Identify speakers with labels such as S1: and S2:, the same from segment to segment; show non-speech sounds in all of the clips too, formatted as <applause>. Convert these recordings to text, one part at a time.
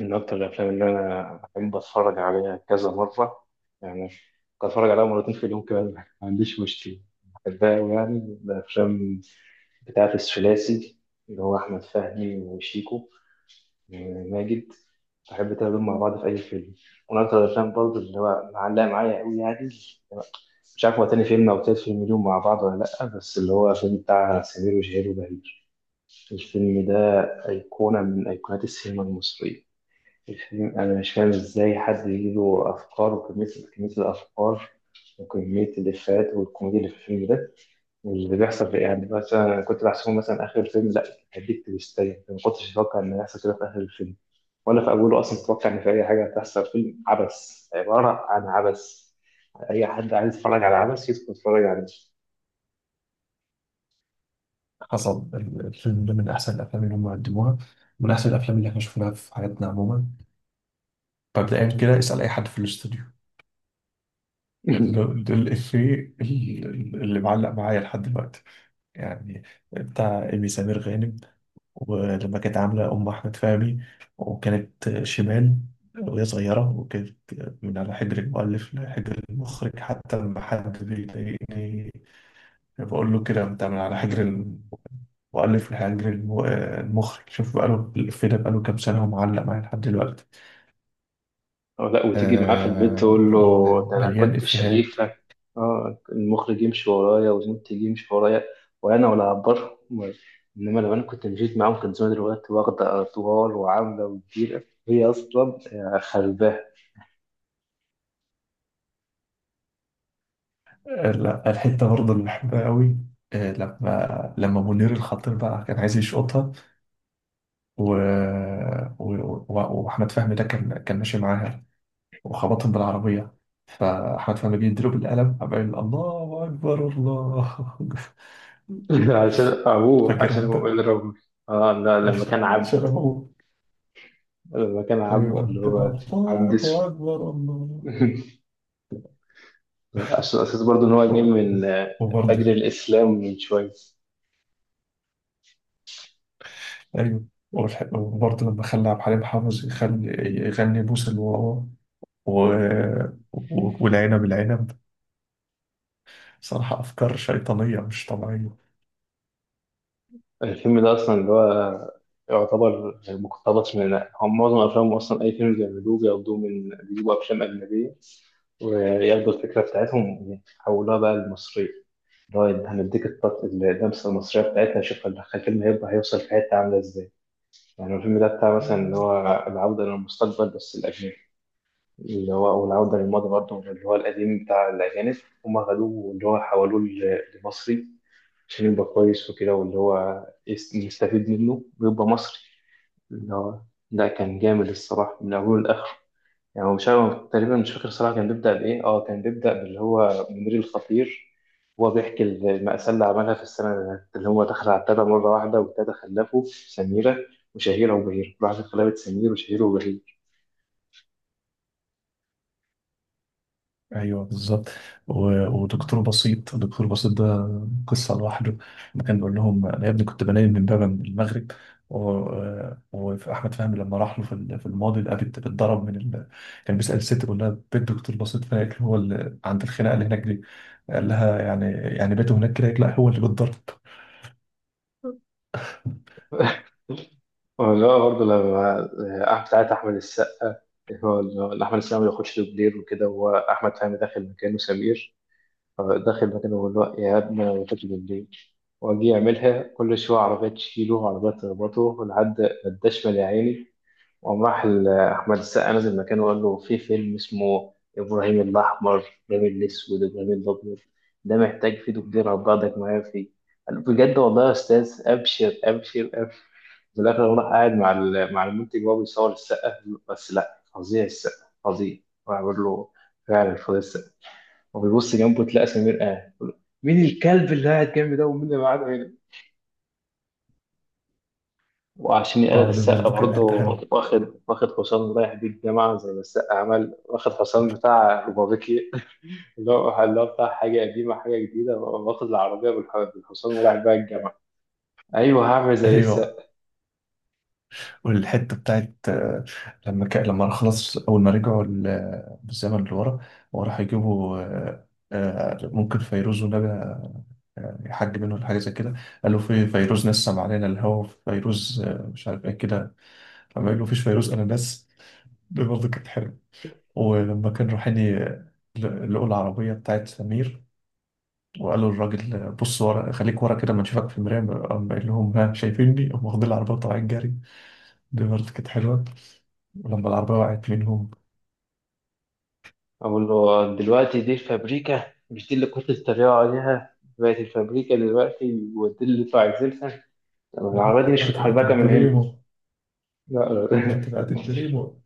S1: من أكتر الأفلام اللي أنا بحب أتفرج عليها كذا مرة، يعني ممكن أتفرج عليها مرتين في اليوم كمان، ما عنديش مشكلة. بحبها أوي، يعني الأفلام بتاعة الثلاثي اللي هو أحمد فهمي وشيكو وماجد. بحب تقابلهم مع بعض في أي فيلم. ومن أكتر الأفلام برضه اللي هو معلقة معايا أوي، يعني مش عارف هو تاني فيلم أو تالت فيلم اليوم مع بعض ولا لأ، بس اللي هو الفيلم بتاع سمير وشهير وبهير. الفيلم ده أيقونة من أيقونات السينما المصرية. الفيلم أنا مش فاهم إزاي حد يجيله أفكار وكمية، كمية الأفكار وكمية الإفيهات والكوميديا اللي في الفيلم ده، واللي بيحصل في إيه؟ يعني مثلا أنا كنت بحسبه مثلا آخر الفيلم لا، هديك تويستاية ما كنتش أتوقع إن هيحصل كده في آخر الفيلم، ولا في أوله أصلا أتوقع إن في أي حاجة هتحصل. فيلم عبث، عبارة عن عبث. أي حد عايز يتفرج على عبث يدخل يتفرج عليه.
S2: حصل الفيلم ده من أحسن الأفلام اللي هم قدموها، من أحسن الأفلام اللي احنا شفناها في حياتنا عموما. مبدئيا كده اسأل أي حد في الاستوديو. ده
S1: <laughs>
S2: ده الإفيه اللي معلق معايا لحد دلوقتي، يعني بتاع إيمي سمير غانم، ولما كانت عاملة أم أحمد فهمي وكانت شمال وهي صغيرة، وكانت من على حجر المؤلف لحجر المخرج. حتى لما حد بيضايقني بقول له كده أنت من على حجر وألف لحياة جرير المخرج. شوف بقاله الإفيه ده بقاله كام سنة ومعلق معايا لحد دلوقتي.
S1: أو لا، وتيجي معاه في البيت
S2: آه،
S1: تقول له ده أنا
S2: مليان
S1: كنت
S2: إفيهات.
S1: شريفك. آه، المخرج يمشي ورايا والمنتج يمشي ورايا وأنا ولا هعبرهم. إنما لو أنا كنت مشيت معاهم كان زمان دلوقتي واخدة أطوال وعاملة وكبيرة هي أصلا. خرباه.
S2: آه لا، الحتة برضه اللي بحبها قوي، آه، لما منير الخطير بقى كان عايز يشقطها و... و... و... وأحمد فهمي ده كان ماشي معاها وخبطهم بالعربية، فأحمد فهمي جه يديله بالقلم قام قايل الله أكبر الله.
S1: <laughs> عشان
S2: <laughs>
S1: أبوه،
S2: فاكرها
S1: عشان أبوه
S2: أنت؟
S1: قال ربي. آه لا، لما كان عبد،
S2: شرفه.
S1: لما كان عبد
S2: أيوة،
S1: اللي
S2: أكبر
S1: هو عبد
S2: الله
S1: اسود.
S2: أكبر الله.
S1: <laughs> عشان أساس برضه إن هو جاي من فجر
S2: وبرضه
S1: الإسلام من شوية.
S2: أيوة. والح- وبرضه لما خلى عبد الحليم حافظ يخلي يغني بوس الواوا و... و... والعنب العنب. صراحة أفكار شيطانية مش طبيعية.
S1: الفيلم ده أصلا اللي هو يعتبر مقتبس من هم معظم أفلامهم أصلا. أي فيلم بيعملوه بياخدوه من، بيجيبوا أفلام أجنبية وياخدوا الفكرة بتاعتهم يحولوها بقى للمصرية، اللي هو هنديك اللمسة المصرية بتاعتها. شوف الفيلم هيبقى هيوصل في حتة عاملة إزاي. يعني الفيلم ده بتاع مثلا اللي هو العودة للمستقبل بس الأجنبي، اللي هو أو العودة للماضي برضه اللي هو القديم بتاع الأجانب. هما خدوه اللي هو حولوه لمصري عشان يبقى كويس وكده، واللي هو يستفيد منه ويبقى مصري اللي هو. لا، كان جامد الصراحة من أوله لآخره. يعني هو مش عارف، تقريبا مش فاكر الصراحة كان بيبدأ بإيه. اه، كان بيبدأ باللي هو منير الخطير. هو بيحكي المأساة اللي عملها في السنة اللي فاتت، اللي هو دخل على التلاتة مرة واحدة والتلاتة خلفه سميرة وشهيرة وبهير، راحت خلفت سمير وشهيرة وبهير.
S2: ايوه بالظبط. و- ودكتور بسيط، دكتور بسيط ده قصه لوحده، لما كان بيقول لهم انا يا ابني كنت بنام من بابا من المغرب. و- واحمد فهمي لما راح له في الماضي لقى بنت بتضرب من كان بيسال الست بيقول لها بيت دكتور بسيط فاكر، هو اللي عند الخناقه اللي هناك دي؟ قال لها، يعني يعني بيته هناك كده؟ لا، هو اللي بيتضرب. <laughs>
S1: <laughs> لا برضه لما، بتاعت أحمد السقا اللي هو، اللي أحمد السقا ما بياخدش دوبلير وكده، هو أحمد فهمي داخل مكانه سمير. فداخل مكانه بيقول له يا ابني أنا ما باخدش دوبلير، وأجي يعملها كل شوية عربية تشيله وعربية تخبطه لحد ما اداش مال يا عيني. وقام راح أحمد السقا نزل مكانه وقال له في فيلم اسمه إبراهيم الأحمر، إبراهيم الأسود، إبراهيم الأبيض، ده محتاج فيه دكتور، هبعتك معايا فيه. قال له بجد والله يا أستاذ، أبشر أبشر أبشر. في الآخر هو راح قاعد مع مع المنتج وهو بيصور السقا. بس لا، فظيع السقا فظيع. راح بيقول له فعلا فظيع السقا، وبيبص جنبه تلاقى سمير قاعد. مين الكلب اللي قاعد جنبي ده، ومين اللي قاعد هنا؟ وعشان يقلد
S2: اه دي
S1: السقا
S2: برضه كانت
S1: برضه،
S2: حته حلوه.
S1: واخد حصان رايح بيه الجامعة زي ما السقا عمل، واخد حصان بتاع روبابيكي. <laughs> اللي هو، اللي هو بتاع حاجة قديمة حاجة جديدة، واخد العربية بالحصان ورايح بيها الجامعة. أيوه، هعمل زي
S2: ايوه،
S1: السقا.
S2: والحته بتاعت لما لما خلاص اول ما رجعوا بالزمن لورا، وراح يجيبوا، ممكن فيروز ونجا يحج منه ولا حاجه زي كده. قال له في فيروز نسم علينا الهوا فيروز، مش عارف ايه كده. لما قال له فيش فيروز انا ناس، دي برضه كانت حلوه. ولما كان رايحين لقوا العربيه بتاعت سمير، وقالوا للراجل بص ورا، خليك ورا كده ما نشوفك في المرايه. قام قال لهم ها شايفيني، قام واخدين العربيه وطالعين جري. دي برضه كانت حلوة. ولما العربية وقعت منهم،
S1: أقول له دلوقتي دي الفابريكا، مش دي اللي كنت بتتريقوا عليها؟ بقت الفابريكا دلوقتي، ودي اللي انتوا عايزينها. طب العربية دي مش
S2: دلوقتي بقت
S1: متحركة من هنا؟
S2: البريمو،
S1: لا. <laughs>
S2: دلوقتي بقت البريمو.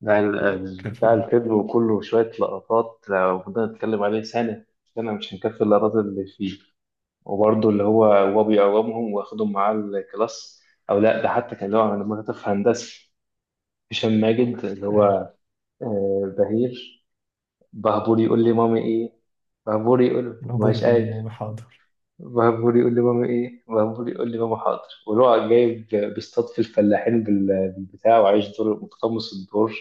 S1: بتاع
S2: كان
S1: بتاع
S2: فيلم
S1: الفيلم، وكله شوية لقطات لو فضلنا نتكلم عليه سنة، سنة مش هنكفي اللقطات اللي فيه. وبرضه اللي هو هو بيقومهم واخدهم معاه الكلاس. أو لأ، ده حتى كان اللي هو لما كنت في هندسة هشام ماجد اللي هو
S2: ايه؟
S1: بهير. بهبور يقول لي مامي إيه، بهبور يقول
S2: العبور
S1: مش
S2: يقول لي
S1: قادر،
S2: ماما حاضر.
S1: بهبور يقول لي مامي إيه، بهبور يقول لي ماما حاضر. واللي هو جايب بيصطاد في الفلاحين بالبتاع، وعايش دور متقمص الدور.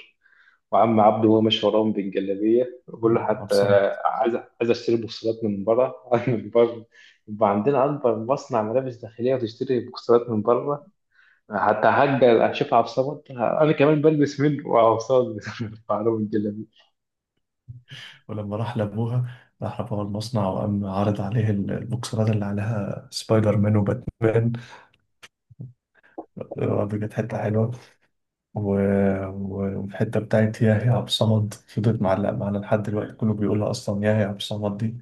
S1: وعم عبده وهو ماشي وراهم بالجلابيه بقول له
S2: أنا
S1: حتى،
S2: بصمت.
S1: عايز عايز اشتري بوكسرات من بره. <laughs> من بره؟ يبقى عندنا اكبر مصنع ملابس داخليه وتشتري بوكسرات من بره؟ حتى هجر اشوف عبد الصمد انا كمان بلبس منه. وعبد الصمد <laughs> بعرض الجلابيه.
S2: ولما راح لأبوها، راح لأبوها المصنع وقام عرض عليه البوكسرات اللي عليها سبايدر مان وباتمان. برضه كانت حتة حلوة. و... و- والحتة بتاعت يا يا عبد الصمد فضلت معلقة معانا لحد دلوقتي، كله بيقولها أصلا يا يا عبد الصمد دي.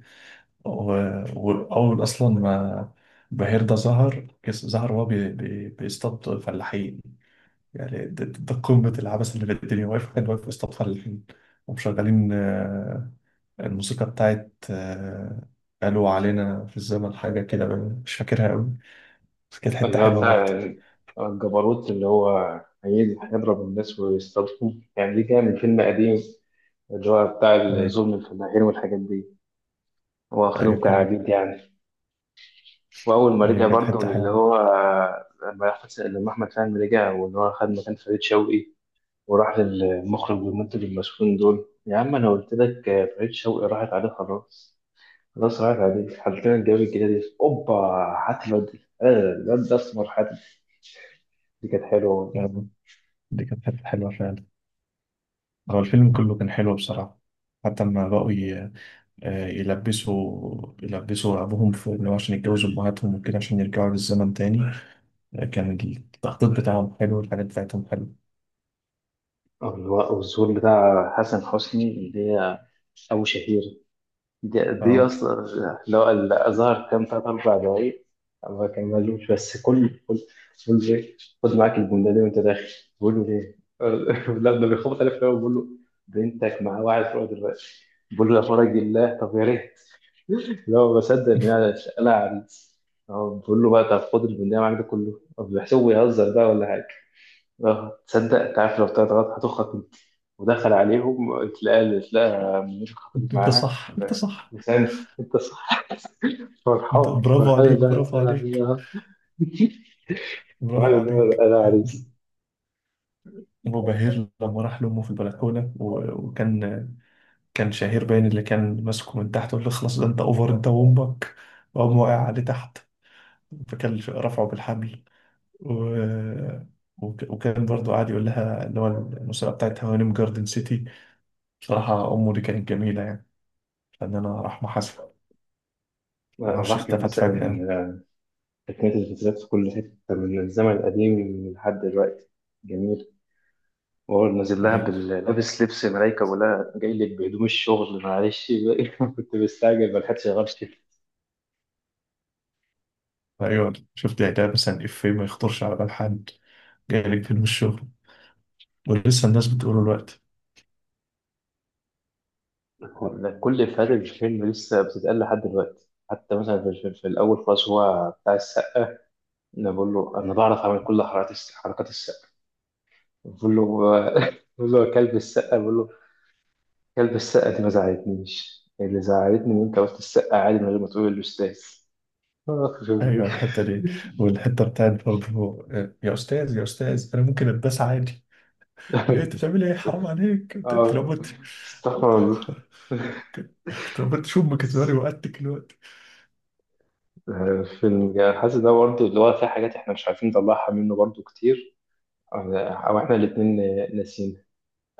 S2: و- وأول أصلا ما بهير ده ظهر، ظهر وهو بيصطاد فلاحين. يعني ده قمة العبث اللي في الدنيا، واقف، كان واقف بيصطاد فلاحين ومشغلين الموسيقى بتاعت قالوا علينا في الزمن حاجة كده، مش فاكرها أوي، بس كانت حتة
S1: اللي هو
S2: حلوة
S1: بتاع
S2: برضه.
S1: الجبروت اللي هو هيجي هيضرب الناس ويستضربهم، يعني دي كان من فيلم قديم اللي هو بتاع
S2: يعني،
S1: الظلم الفلاحين والحاجات دي،
S2: أيوة
S1: واخدهم
S2: كان،
S1: كعبيد يعني. واول ما رجع
S2: أيوة كانت
S1: برضه
S2: حتة
S1: للي
S2: حلوة.
S1: هو، لما احمد فهمي رجع، واللي هو خد مكان فريد شوقي وراح للمخرج والمنتج المسؤولين دول. يا عم انا قلت لك فريد شوقي راحت عليه خلاص، خلاص راحت عليه، حطينا لنا الجواب الجديدة دي، اوبا هات الواد ده. آه، الواد ده اسمر حاتم. دي كانت حلوه.
S2: يعني دي كانت حتة حلوة فعلا. هو الفيلم كله كان حلو بصراحة. حتى لما بقوا يلبسوا، يلبسوا رعبهم في إن هو عشان يتجوزوا أمهاتهم وكده عشان يرجعوا للزمن تاني. آه، كان التخطيط بتاعهم حلو والحاجات بتاعتهم حلوة.
S1: واللي هو، والظهور بتاع حسن حسني اللي هي ابو شهير. دي,
S2: اه.
S1: اصلا لو الازهر كان ثلاث اربع دقايق ما كان مالوش، بس كل بقول له ايه، خد معاك الجمله دي وانت داخل. بقول له ليه؟ <laughs> لا، ده بيخبط عليه في الأول، بقول له بنتك مع واحد فوق دلوقتي. بقول له يا فرج الله، طب يا ريت. لا ما بصدق ان
S2: <laughs>
S1: انا، انا عريس. اه، بقول له بقى طب خد البندقية معاك ده كله. طب بيحسبه بيهزر بقى ولا حاجه. اه، تصدق انت عارف لو طلعت غلط هتخرج؟ ودخل عليهم تلاقى منير خطيب
S2: انت
S1: معاه.
S2: صح انت صح
S1: لسانس، انت صح،
S2: انت،
S1: فرحان
S2: برافو
S1: فرحان.
S2: عليك،
S1: لا
S2: برافو
S1: لا
S2: عليك،
S1: لا، فرحان
S2: برافو
S1: إن
S2: عليك.
S1: انا عريس.
S2: وبهير لما راح لأمه في البلكونة وكان، كان شهير باين اللي كان ماسكه من تحت، وقال له خلاص ده انت اوفر انت وامك، وقام واقع عليه تحت، فكان رفعه بالحبل. و... وك- وكان برضو قاعد يقول لها اللي هو المسابقة بتاعت هوانم جاردن سيتي. بصراحة أمه دي كانت جميلة، يعني فنانة، رحمة حسن، ما أعرفش
S1: راح
S2: اختفت فجأة.
S1: مثلا تقنية الفيزيات في كل حتة من الزمن القديم لحد دلوقتي، جميل. وهو نازل لها
S2: أيوة،
S1: لابس لبس ملايكة ولا جاي لك بهدوم الشغل معلش بقى. <laughs> كنت مستعجل ما لحقتش غيرت.
S2: أيوة شفت إعلان مثلا، إفيه ما يخطرش على بال حد، جايلك فين من الشغل، ولسه الناس بتقوله الوقت.
S1: كل إفيهات الفيلم لسه بتتقال لحد دلوقتي. حتى مثلا في الأول خالص هو بتاع السقا، انا بقول له انا بعرف اعمل كل حركات السقا. بقول له <laughs> بقول له يا كلب السقا. بقول له كلب السقا دي ما زعلتنيش، اللي زعلتني ان انت قلت السقا عادي من غير ما تقول الاستاذ. آه،
S2: أيوة الحتة دي، والحتة بتاعت برضو يا أستاذ يا أستاذ أنا ممكن أتباس عادي؟ إيه أنت
S1: <laughs>
S2: بتعمل إيه، حرام عليك، أنت
S1: آه،
S2: لو مت!
S1: استغفر الله.
S2: <laughs> لو مت شو أمك تزوري وقتك الوقت.
S1: <laughs> فيلم يعني، حاسس ده برضه اللي هو فيه حاجات احنا مش عارفين نطلعها منه برضه كتير، أو احنا الاتنين ناسيين.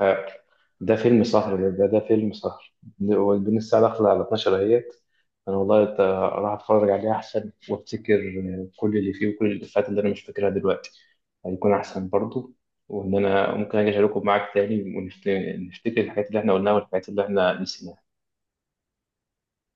S1: آه، ده فيلم سهر، ده فيلم سهر، وبين الساعة داخلة على 12 اهيت. أنا والله راح أتفرج عليه أحسن وأفتكر كل اللي فيه وكل الإفيهات اللي أنا مش فاكرها دلوقتي، هيكون أحسن برضو. وإن أنا ممكن أجي أشاركه معاك تاني ونفتكر الحاجات اللي إحنا قلناها والحاجات اللي إحنا نسيناها.